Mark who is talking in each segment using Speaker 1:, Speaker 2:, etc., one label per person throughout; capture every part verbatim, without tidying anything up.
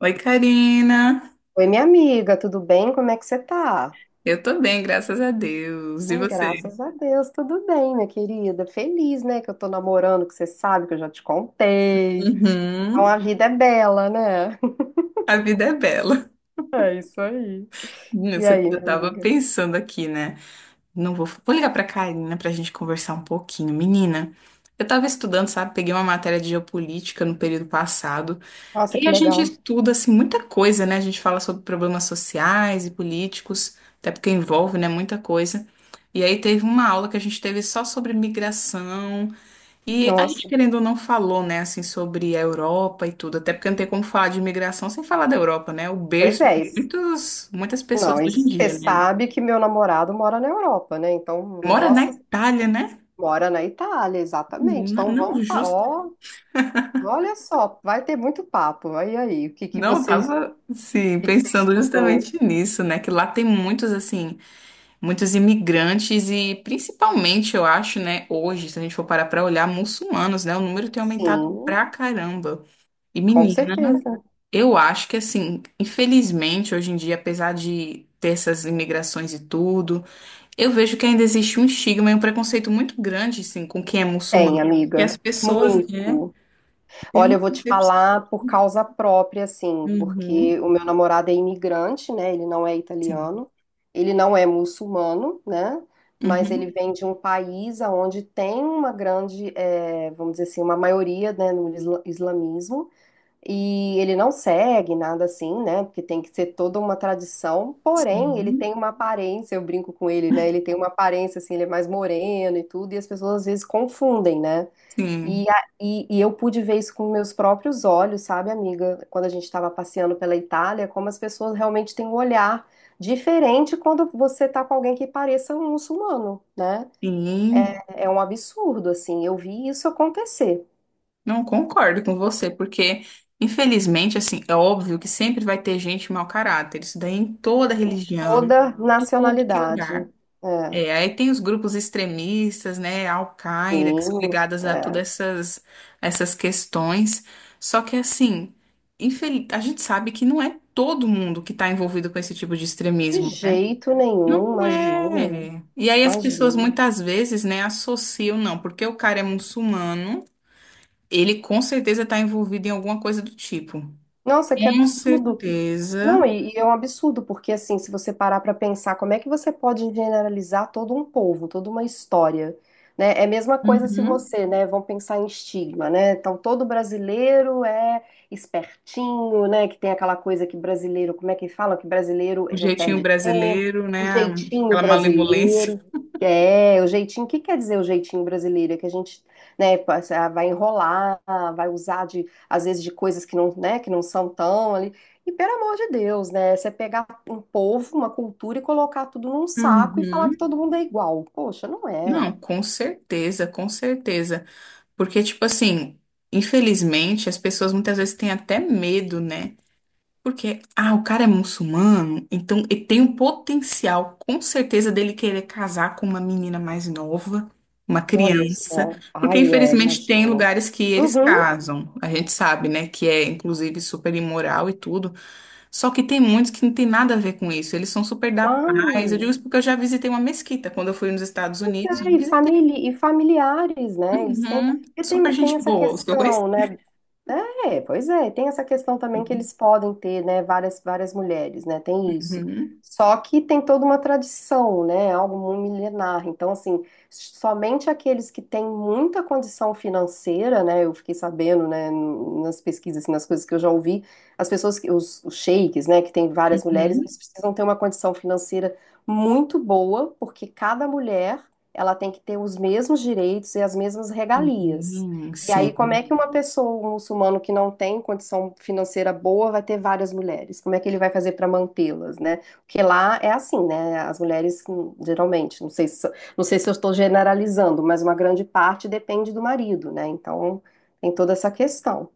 Speaker 1: Oi, Karina.
Speaker 2: Oi, minha amiga, tudo bem? Como é que você tá?
Speaker 1: Eu tô bem, graças a Deus. E
Speaker 2: Hum,
Speaker 1: você?
Speaker 2: graças a Deus, tudo bem, minha querida. Feliz, né, que eu tô namorando, que você sabe que eu já te contei.
Speaker 1: Uhum.
Speaker 2: Então a vida é bela, né?
Speaker 1: A vida é bela.
Speaker 2: É isso aí.
Speaker 1: Hum,
Speaker 2: E
Speaker 1: você-
Speaker 2: aí,
Speaker 1: Eu
Speaker 2: minha
Speaker 1: tava
Speaker 2: amiga?
Speaker 1: pensando aqui, né? Não vou, Vou ligar pra Karina pra gente conversar um pouquinho. Menina, eu tava estudando, sabe? Peguei uma matéria de geopolítica no período passado.
Speaker 2: Nossa,
Speaker 1: E
Speaker 2: que
Speaker 1: a gente
Speaker 2: legal.
Speaker 1: estuda, assim, muita coisa, né? A gente fala sobre problemas sociais e políticos, até porque envolve, né, muita coisa. E aí teve uma aula que a gente teve só sobre migração. E a gente,
Speaker 2: Nossa,
Speaker 1: querendo ou não, falou, né, assim, sobre a Europa e tudo, até porque não tem como falar de imigração sem falar da Europa, né? O
Speaker 2: pois
Speaker 1: berço
Speaker 2: é.
Speaker 1: de
Speaker 2: isso-
Speaker 1: muitos, muitas
Speaker 2: Não,
Speaker 1: pessoas hoje em
Speaker 2: isso- você
Speaker 1: dia, né?
Speaker 2: sabe que meu namorado mora na Europa, né? Então,
Speaker 1: Mora na
Speaker 2: nossa,
Speaker 1: Itália, né?
Speaker 2: mora na Itália, exatamente.
Speaker 1: Não,
Speaker 2: Então
Speaker 1: não
Speaker 2: vamos, fa-
Speaker 1: justo.
Speaker 2: ó, olha só, vai ter muito papo. Aí, aí, o que que
Speaker 1: Não, eu
Speaker 2: você, o
Speaker 1: tava, sim,
Speaker 2: que que você
Speaker 1: pensando
Speaker 2: estudou?
Speaker 1: justamente nisso, né? Que lá tem muitos, assim, muitos imigrantes e principalmente, eu acho, né, hoje, se a gente for parar pra olhar, muçulmanos, né? O número tem aumentado
Speaker 2: Sim.
Speaker 1: pra caramba. E
Speaker 2: Com
Speaker 1: menina.
Speaker 2: certeza.
Speaker 1: Eu acho que, assim, infelizmente, hoje em dia, apesar de ter essas imigrações e tudo, eu vejo que ainda existe um estigma e um preconceito muito grande, assim, com quem é
Speaker 2: Tem,
Speaker 1: muçulmano. Que
Speaker 2: amiga.
Speaker 1: as pessoas, né,
Speaker 2: Muito.
Speaker 1: têm
Speaker 2: Olha,
Speaker 1: uma
Speaker 2: eu vou te
Speaker 1: concepção.
Speaker 2: falar por causa própria, assim,
Speaker 1: Uhum,
Speaker 2: porque o meu namorado é imigrante, né? Ele não é
Speaker 1: sim.
Speaker 2: italiano, ele não é muçulmano, né? Mas ele
Speaker 1: Uhum,
Speaker 2: vem de um país onde tem uma grande, eh, vamos dizer assim, uma maioria, né, no isla- islamismo. E ele não segue nada assim, né? Porque tem que ser toda uma tradição. Porém, ele tem
Speaker 1: sim.
Speaker 2: uma aparência, eu brinco com ele, né? Ele tem uma aparência assim, ele é mais moreno e tudo, e as pessoas às vezes confundem, né?
Speaker 1: Sim.
Speaker 2: E, a- e, e eu pude ver isso com meus próprios olhos, sabe, amiga? Quando a gente estava passeando pela Itália, como as pessoas realmente têm um olhar diferente quando você tá com alguém que pareça um muçulmano, né?
Speaker 1: Sim.
Speaker 2: É, é um absurdo, assim. Eu vi isso acontecer.
Speaker 1: Não concordo com você, porque, infelizmente, assim, é óbvio que sempre vai ter gente mau caráter. Isso daí em toda religião,
Speaker 2: Toda
Speaker 1: tudo que é
Speaker 2: nacionalidade.
Speaker 1: lugar.
Speaker 2: É.
Speaker 1: É, aí tem os grupos extremistas, né, a Al-Qaeda, que são
Speaker 2: Sim,
Speaker 1: ligadas a
Speaker 2: é.
Speaker 1: todas essas, essas questões. Só que, assim, infel- a gente sabe que não é todo mundo que está envolvido com esse tipo de
Speaker 2: De
Speaker 1: extremismo, né?
Speaker 2: jeito
Speaker 1: Não
Speaker 2: nenhum, imagina,
Speaker 1: é. E aí as pessoas
Speaker 2: imagina.
Speaker 1: muitas vezes, né, associam, não, porque o cara é muçulmano, ele com certeza está envolvido em alguma coisa do tipo.
Speaker 2: Nossa, que
Speaker 1: Com
Speaker 2: absurdo. Não,
Speaker 1: certeza.
Speaker 2: e, e é um absurdo, porque assim, se você parar para pensar, como é que você pode generalizar todo um povo, toda uma história, né? É a mesma coisa se
Speaker 1: Uhum.
Speaker 2: você, né, vamos pensar em estigma, né? Então, todo brasileiro é espertinho, né, que tem aquela coisa que brasileiro, como é que fala? Que brasileiro
Speaker 1: O
Speaker 2: não
Speaker 1: jeitinho
Speaker 2: perde tempo,
Speaker 1: brasileiro,
Speaker 2: o
Speaker 1: né,
Speaker 2: jeitinho
Speaker 1: aquela malemolência.
Speaker 2: brasileiro. É, o jeitinho, o que quer dizer o jeitinho brasileiro? É que a gente, né, passa- vai enrolar, vai usar de, às vezes, de coisas que não, né, que não são tão ali. E pelo amor de Deus, né? Você pegar um povo, uma cultura e colocar tudo num saco e falar que
Speaker 1: Uhum.
Speaker 2: todo mundo é igual. Poxa, não é.
Speaker 1: Não, com certeza, com certeza. Porque, tipo assim, infelizmente, as pessoas muitas vezes têm até medo, né? Porque, ah, o cara é muçulmano, então ele tem o potencial, com certeza, dele querer casar com uma menina mais nova, uma
Speaker 2: Olha
Speaker 1: criança.
Speaker 2: só.
Speaker 1: Porque,
Speaker 2: Ai, é,
Speaker 1: infelizmente, tem
Speaker 2: imagina.
Speaker 1: lugares que eles
Speaker 2: Uhum,
Speaker 1: casam. A gente sabe, né? Que é, inclusive, super imoral e tudo. Só que tem muitos que não tem nada a ver com isso. Eles são super da paz. Eu digo
Speaker 2: claro.
Speaker 1: isso porque eu já visitei uma mesquita quando eu fui nos Estados
Speaker 2: Pois
Speaker 1: Unidos.
Speaker 2: é, e, famili e familiares, né? Eles têm.
Speaker 1: Uhum.
Speaker 2: Porque tem,
Speaker 1: Super
Speaker 2: tem
Speaker 1: gente
Speaker 2: essa
Speaker 1: boa, os que eu conheci.
Speaker 2: questão, né? É, pois é, tem essa questão também que eles podem ter, né, várias, várias mulheres, né, tem isso.
Speaker 1: Uhum.
Speaker 2: Só que tem toda uma tradição, né, algo muito milenar. Então, assim, somente aqueles que têm muita condição financeira, né, eu fiquei sabendo, né, nas pesquisas, assim, nas coisas que eu já ouvi, as pessoas, que- os, os sheiks, né, que tem várias mulheres, eles
Speaker 1: Uhum.
Speaker 2: precisam ter uma condição financeira muito boa, porque cada mulher, ela tem que ter os mesmos direitos e as mesmas regalias.
Speaker 1: Sim,
Speaker 2: E aí, como
Speaker 1: sim.
Speaker 2: é que uma pessoa, um muçulmano que não tem condição financeira boa, vai ter várias mulheres? Como é que ele vai fazer para mantê-las, né? Porque lá é assim, né? As mulheres, hum, geralmente, não sei se, não sei se eu estou generalizando, mas uma grande parte depende do marido, né? Então, tem toda essa questão.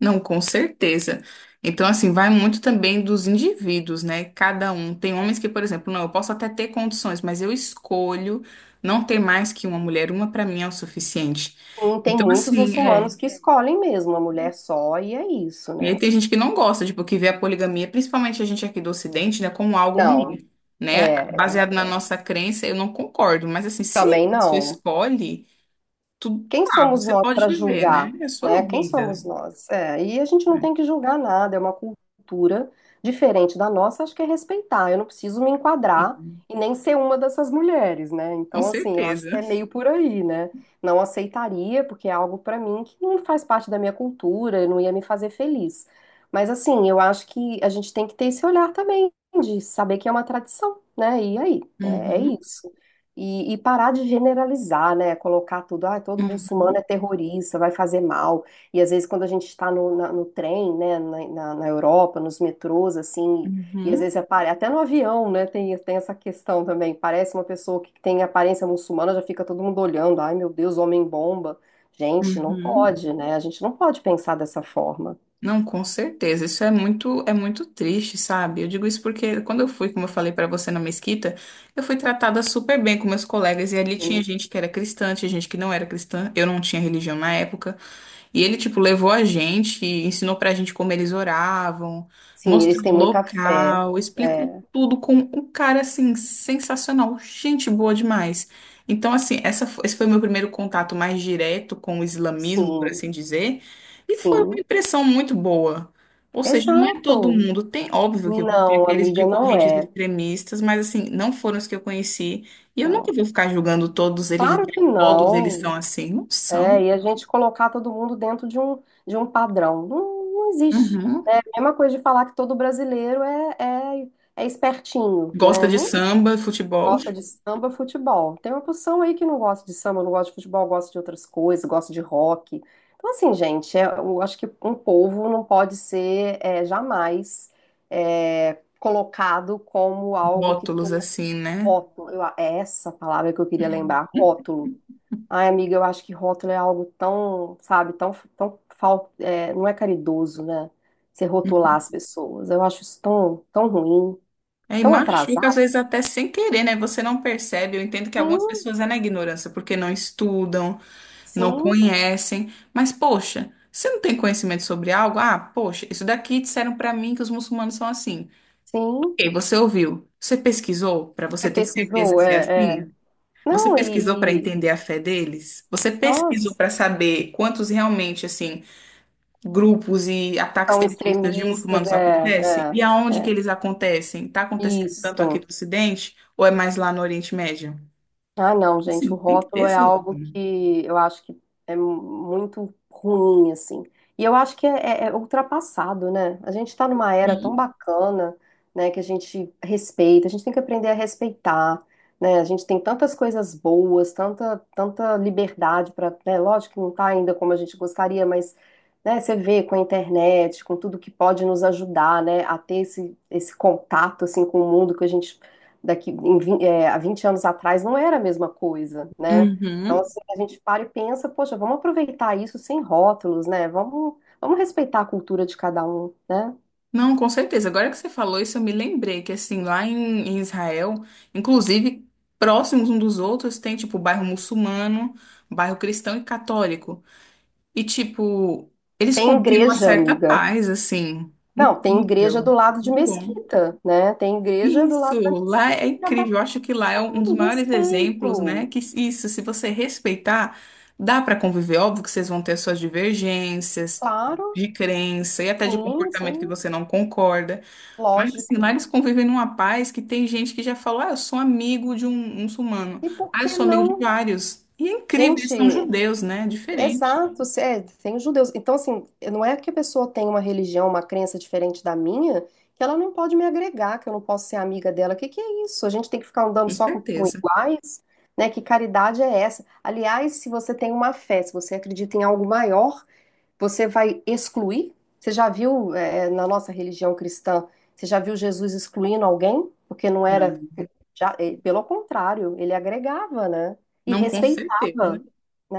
Speaker 1: Não, com certeza. Então, assim, vai muito também dos indivíduos, né? Cada um. Tem homens que, por exemplo, não, eu posso até ter condições, mas eu escolho não ter mais que uma mulher. Uma pra mim é o suficiente.
Speaker 2: E tem
Speaker 1: Então,
Speaker 2: muitos
Speaker 1: assim, é.
Speaker 2: muçulmanos que escolhem mesmo uma mulher só, e é isso,
Speaker 1: E aí
Speaker 2: né?
Speaker 1: tem gente que não gosta, tipo, que vê a poligamia, principalmente a gente aqui do Ocidente, né, como algo
Speaker 2: Não,
Speaker 1: ruim, né?
Speaker 2: é,
Speaker 1: Baseado na nossa crença, eu não concordo. Mas, assim, se
Speaker 2: também
Speaker 1: a pessoa
Speaker 2: não.
Speaker 1: escolhe. Tudo
Speaker 2: Quem
Speaker 1: lá,
Speaker 2: somos
Speaker 1: você
Speaker 2: nós
Speaker 1: pode
Speaker 2: para
Speaker 1: viver, né?
Speaker 2: julgar,
Speaker 1: É
Speaker 2: né?
Speaker 1: sua
Speaker 2: Quem
Speaker 1: vida.
Speaker 2: somos nós? É, e a gente não tem que julgar nada, é uma cultura diferente da nossa, acho que é respeitar. Eu não preciso me
Speaker 1: Sim,
Speaker 2: enquadrar e nem ser uma dessas mulheres, né?
Speaker 1: com
Speaker 2: Então, assim, eu acho
Speaker 1: certeza.
Speaker 2: que é meio por aí, né? Não aceitaria, porque é algo para mim que não faz parte da minha cultura, não ia me fazer feliz. Mas, assim, eu acho que a gente tem que ter esse olhar também, de saber que é uma tradição, né? E aí, é é
Speaker 1: Uhum,
Speaker 2: isso. E, e parar de generalizar, né? Colocar tudo, ah, todo muçulmano
Speaker 1: uhum,
Speaker 2: é terrorista, vai fazer mal. E às vezes quando a gente está no, na- no trem, né, na, na, na Europa, nos metrôs, assim, e às
Speaker 1: uhum,
Speaker 2: vezes apare... até no avião, né, tem, tem essa questão também. Parece uma pessoa que tem aparência muçulmana, já fica todo mundo olhando, ai meu Deus, homem bomba. Gente, não
Speaker 1: uhum.
Speaker 2: pode, né? A gente não pode pensar dessa forma.
Speaker 1: Não, com certeza. Isso é muito, é muito triste, sabe? Eu digo isso porque quando eu fui, como eu falei pra você na mesquita, eu fui tratada super bem com meus colegas e ali tinha gente que era cristã, tinha gente que não era cristã. Eu não tinha religião na época. E ele, tipo, levou a gente, ensinou pra gente como eles oravam,
Speaker 2: Sim, eles
Speaker 1: mostrou
Speaker 2: têm
Speaker 1: o
Speaker 2: muita fé.
Speaker 1: local, explicou
Speaker 2: É,
Speaker 1: tudo com um cara, assim, sensacional, gente boa demais. Então, assim, essa, fo- esse foi o meu primeiro contato mais direto com o islamismo, por
Speaker 2: sim,
Speaker 1: assim dizer, e foi uma
Speaker 2: sim.
Speaker 1: impressão muito boa. Ou seja, não é todo
Speaker 2: Exato.
Speaker 1: mundo. Tem, óbvio que vão ter
Speaker 2: Não,
Speaker 1: aqueles de
Speaker 2: amiga, não
Speaker 1: correntes
Speaker 2: é.
Speaker 1: extremistas, mas, assim, não foram os que eu conheci. E eu nunca
Speaker 2: Não.
Speaker 1: vou ficar julgando todos eles,
Speaker 2: Claro que
Speaker 1: todos eles
Speaker 2: não.
Speaker 1: são assim. Não são.
Speaker 2: É, e a gente colocar todo mundo dentro de um, de um padrão. Não, não existe.
Speaker 1: Uhum.
Speaker 2: É a mesma coisa de falar que todo brasileiro é, é, é espertinho,
Speaker 1: Gosta
Speaker 2: né?
Speaker 1: de
Speaker 2: Não é
Speaker 1: samba, futebol,
Speaker 2: gosta de samba, futebol. Tem uma porção aí que não gosta de samba, não gosta de futebol, gosta de outras coisas, gosta de rock. Então, assim, gente, é- eu acho que um povo não pode ser é, jamais é, colocado como algo que
Speaker 1: rótulos
Speaker 2: todo
Speaker 1: assim, né?
Speaker 2: rótulo. Eu- é essa palavra que eu queria lembrar, rótulo. Ai, amiga, eu acho que rótulo é algo tão, sabe, tão, tão fal... é, não é caridoso, né? Você rotular as pessoas. Eu acho isso tão, tão ruim,
Speaker 1: É, e
Speaker 2: tão atrasado.
Speaker 1: machuca às vezes até sem querer, né? Você não percebe. Eu entendo que algumas
Speaker 2: Sim,
Speaker 1: pessoas é na ignorância, porque não estudam, não
Speaker 2: sim,
Speaker 1: conhecem. Mas, poxa, você não tem conhecimento sobre algo? Ah, poxa, isso daqui disseram pra mim que os muçulmanos são assim.
Speaker 2: sim.
Speaker 1: Ok, você ouviu? Você pesquisou pra você
Speaker 2: Você
Speaker 1: ter certeza
Speaker 2: pesquisou?
Speaker 1: se é
Speaker 2: É, é.
Speaker 1: assim? Você
Speaker 2: Não,
Speaker 1: pesquisou pra
Speaker 2: e, e
Speaker 1: entender a fé deles? Você pesquisou
Speaker 2: nós
Speaker 1: pra saber quantos realmente, assim, grupos e ataques
Speaker 2: são
Speaker 1: terroristas de
Speaker 2: extremistas,
Speaker 1: muçulmanos
Speaker 2: é,
Speaker 1: acontecem? E
Speaker 2: é,
Speaker 1: aonde
Speaker 2: é.
Speaker 1: que eles acontecem? Está acontecendo tanto aqui no
Speaker 2: Isso.
Speaker 1: Ocidente ou é mais lá no Oriente Médio?
Speaker 2: Ah, não,
Speaker 1: Assim,
Speaker 2: gente, o
Speaker 1: tem que ter
Speaker 2: rótulo é
Speaker 1: esse lugar.
Speaker 2: algo que eu acho que é muito ruim, assim. E eu acho que é, é- é ultrapassado, né? A gente está numa era tão
Speaker 1: Sim.
Speaker 2: bacana, né, que a gente respeita, a gente tem que aprender a respeitar, né? A gente tem tantas coisas boas, tanta, tanta liberdade para, né? Lógico que não tá ainda como a gente gostaria, mas, né, você vê com a internet, com tudo que pode nos ajudar, né, a ter esse, esse contato, assim, com o mundo que a gente daqui em, vin- é, há vinte anos atrás não era a mesma coisa, né? Então,
Speaker 1: Uhum.
Speaker 2: assim, a gente para e pensa, poxa, vamos aproveitar isso sem rótulos, né? Vamos, vamos respeitar a cultura de cada um, né?
Speaker 1: Não, com certeza. Agora que você falou isso, eu me lembrei que, assim, lá em, em Israel, inclusive, próximos um dos outros, tem, tipo, bairro muçulmano, bairro cristão e católico. E, tipo, eles
Speaker 2: Tem
Speaker 1: convivem uma
Speaker 2: igreja,
Speaker 1: certa
Speaker 2: amiga.
Speaker 1: paz, assim.
Speaker 2: Não, tem igreja do
Speaker 1: Incrível.
Speaker 2: lado de
Speaker 1: Muito bom.
Speaker 2: Mesquita, né? Tem igreja do
Speaker 1: Isso,
Speaker 2: lado da
Speaker 1: lá é
Speaker 2: Mesquita e cada
Speaker 1: incrível. Eu acho que lá é um um dos
Speaker 2: um
Speaker 1: maiores exemplos, né?
Speaker 2: respeito.
Speaker 1: Que isso, se você respeitar, dá para conviver. Óbvio que vocês vão ter suas divergências
Speaker 2: Claro,
Speaker 1: de crença e até de
Speaker 2: sim,
Speaker 1: comportamento que
Speaker 2: sim,
Speaker 1: você não concorda. Mas assim, lá
Speaker 2: lógico.
Speaker 1: eles convivem numa paz que tem gente que já falou: ah, eu sou amigo de um um muçulmano.
Speaker 2: E por
Speaker 1: Ah, eu
Speaker 2: que
Speaker 1: sou amigo de
Speaker 2: não?
Speaker 1: vários. E é incrível, eles são
Speaker 2: Gente,
Speaker 1: judeus, né? Diferente,
Speaker 2: exato, se- é, tem judeus. Então, assim, não é que a pessoa tem uma religião, uma crença diferente da minha, que ela não pode me agregar, que eu não posso ser amiga dela. Que que é isso? A gente tem que ficar andando
Speaker 1: com
Speaker 2: só com, com
Speaker 1: certeza.
Speaker 2: iguais, né? Que caridade é essa? Aliás, se você tem uma fé, se você acredita em algo maior, você vai excluir? Você já viu, é, na nossa religião cristã, você já viu Jesus excluindo alguém? Porque não era,
Speaker 1: Não,
Speaker 2: já, eh, pelo contrário, ele agregava, né? E
Speaker 1: não com certeza.
Speaker 2: respeitava,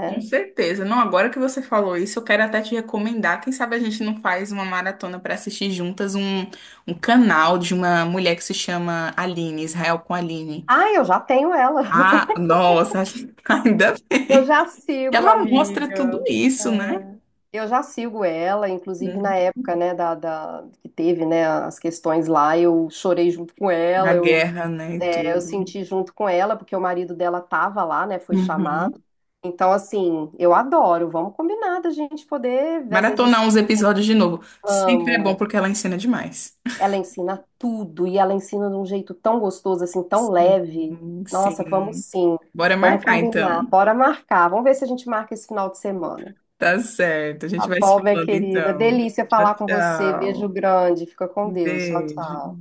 Speaker 1: Com certeza. Não, agora que você falou isso, eu quero até te recomendar. Quem sabe a gente não faz uma maratona para assistir juntas um, um canal de uma mulher que se chama Aline, Israel com Aline.
Speaker 2: Ah, eu já tenho ela.
Speaker 1: Ah, nossa, ainda
Speaker 2: Eu já sigo,
Speaker 1: ela mostra tudo
Speaker 2: amiga.
Speaker 1: isso, né?
Speaker 2: É, eu já sigo ela, inclusive
Speaker 1: Uhum.
Speaker 2: na época, né, da, da- que teve, né, as questões lá, eu chorei junto com
Speaker 1: A
Speaker 2: ela, eu,
Speaker 1: guerra, né, e
Speaker 2: é, eu
Speaker 1: tudo.
Speaker 2: senti junto com ela, porque o marido dela tava lá, né, foi chamado.
Speaker 1: Uhum.
Speaker 2: Então, assim, eu adoro, vamos combinar da gente poder, às vezes,
Speaker 1: Maratonar
Speaker 2: esse-
Speaker 1: uns episódios de novo. Sempre é bom
Speaker 2: vamos.
Speaker 1: porque ela ensina demais.
Speaker 2: Ela ensina tudo e ela ensina de um jeito tão gostoso, assim, tão
Speaker 1: Sim,
Speaker 2: leve. Nossa, vamos
Speaker 1: sim.
Speaker 2: sim.
Speaker 1: Bora
Speaker 2: Vamos
Speaker 1: marcar então.
Speaker 2: combinar. Bora marcar. Vamos ver se a gente marca esse final de semana.
Speaker 1: Tá certo. A
Speaker 2: Tá
Speaker 1: gente vai se
Speaker 2: bom, minha
Speaker 1: falando
Speaker 2: querida.
Speaker 1: então.
Speaker 2: Delícia
Speaker 1: Tchau,
Speaker 2: falar com você. Beijo
Speaker 1: tchau.
Speaker 2: grande. Fica com Deus. Tchau,
Speaker 1: Entende?
Speaker 2: tchau.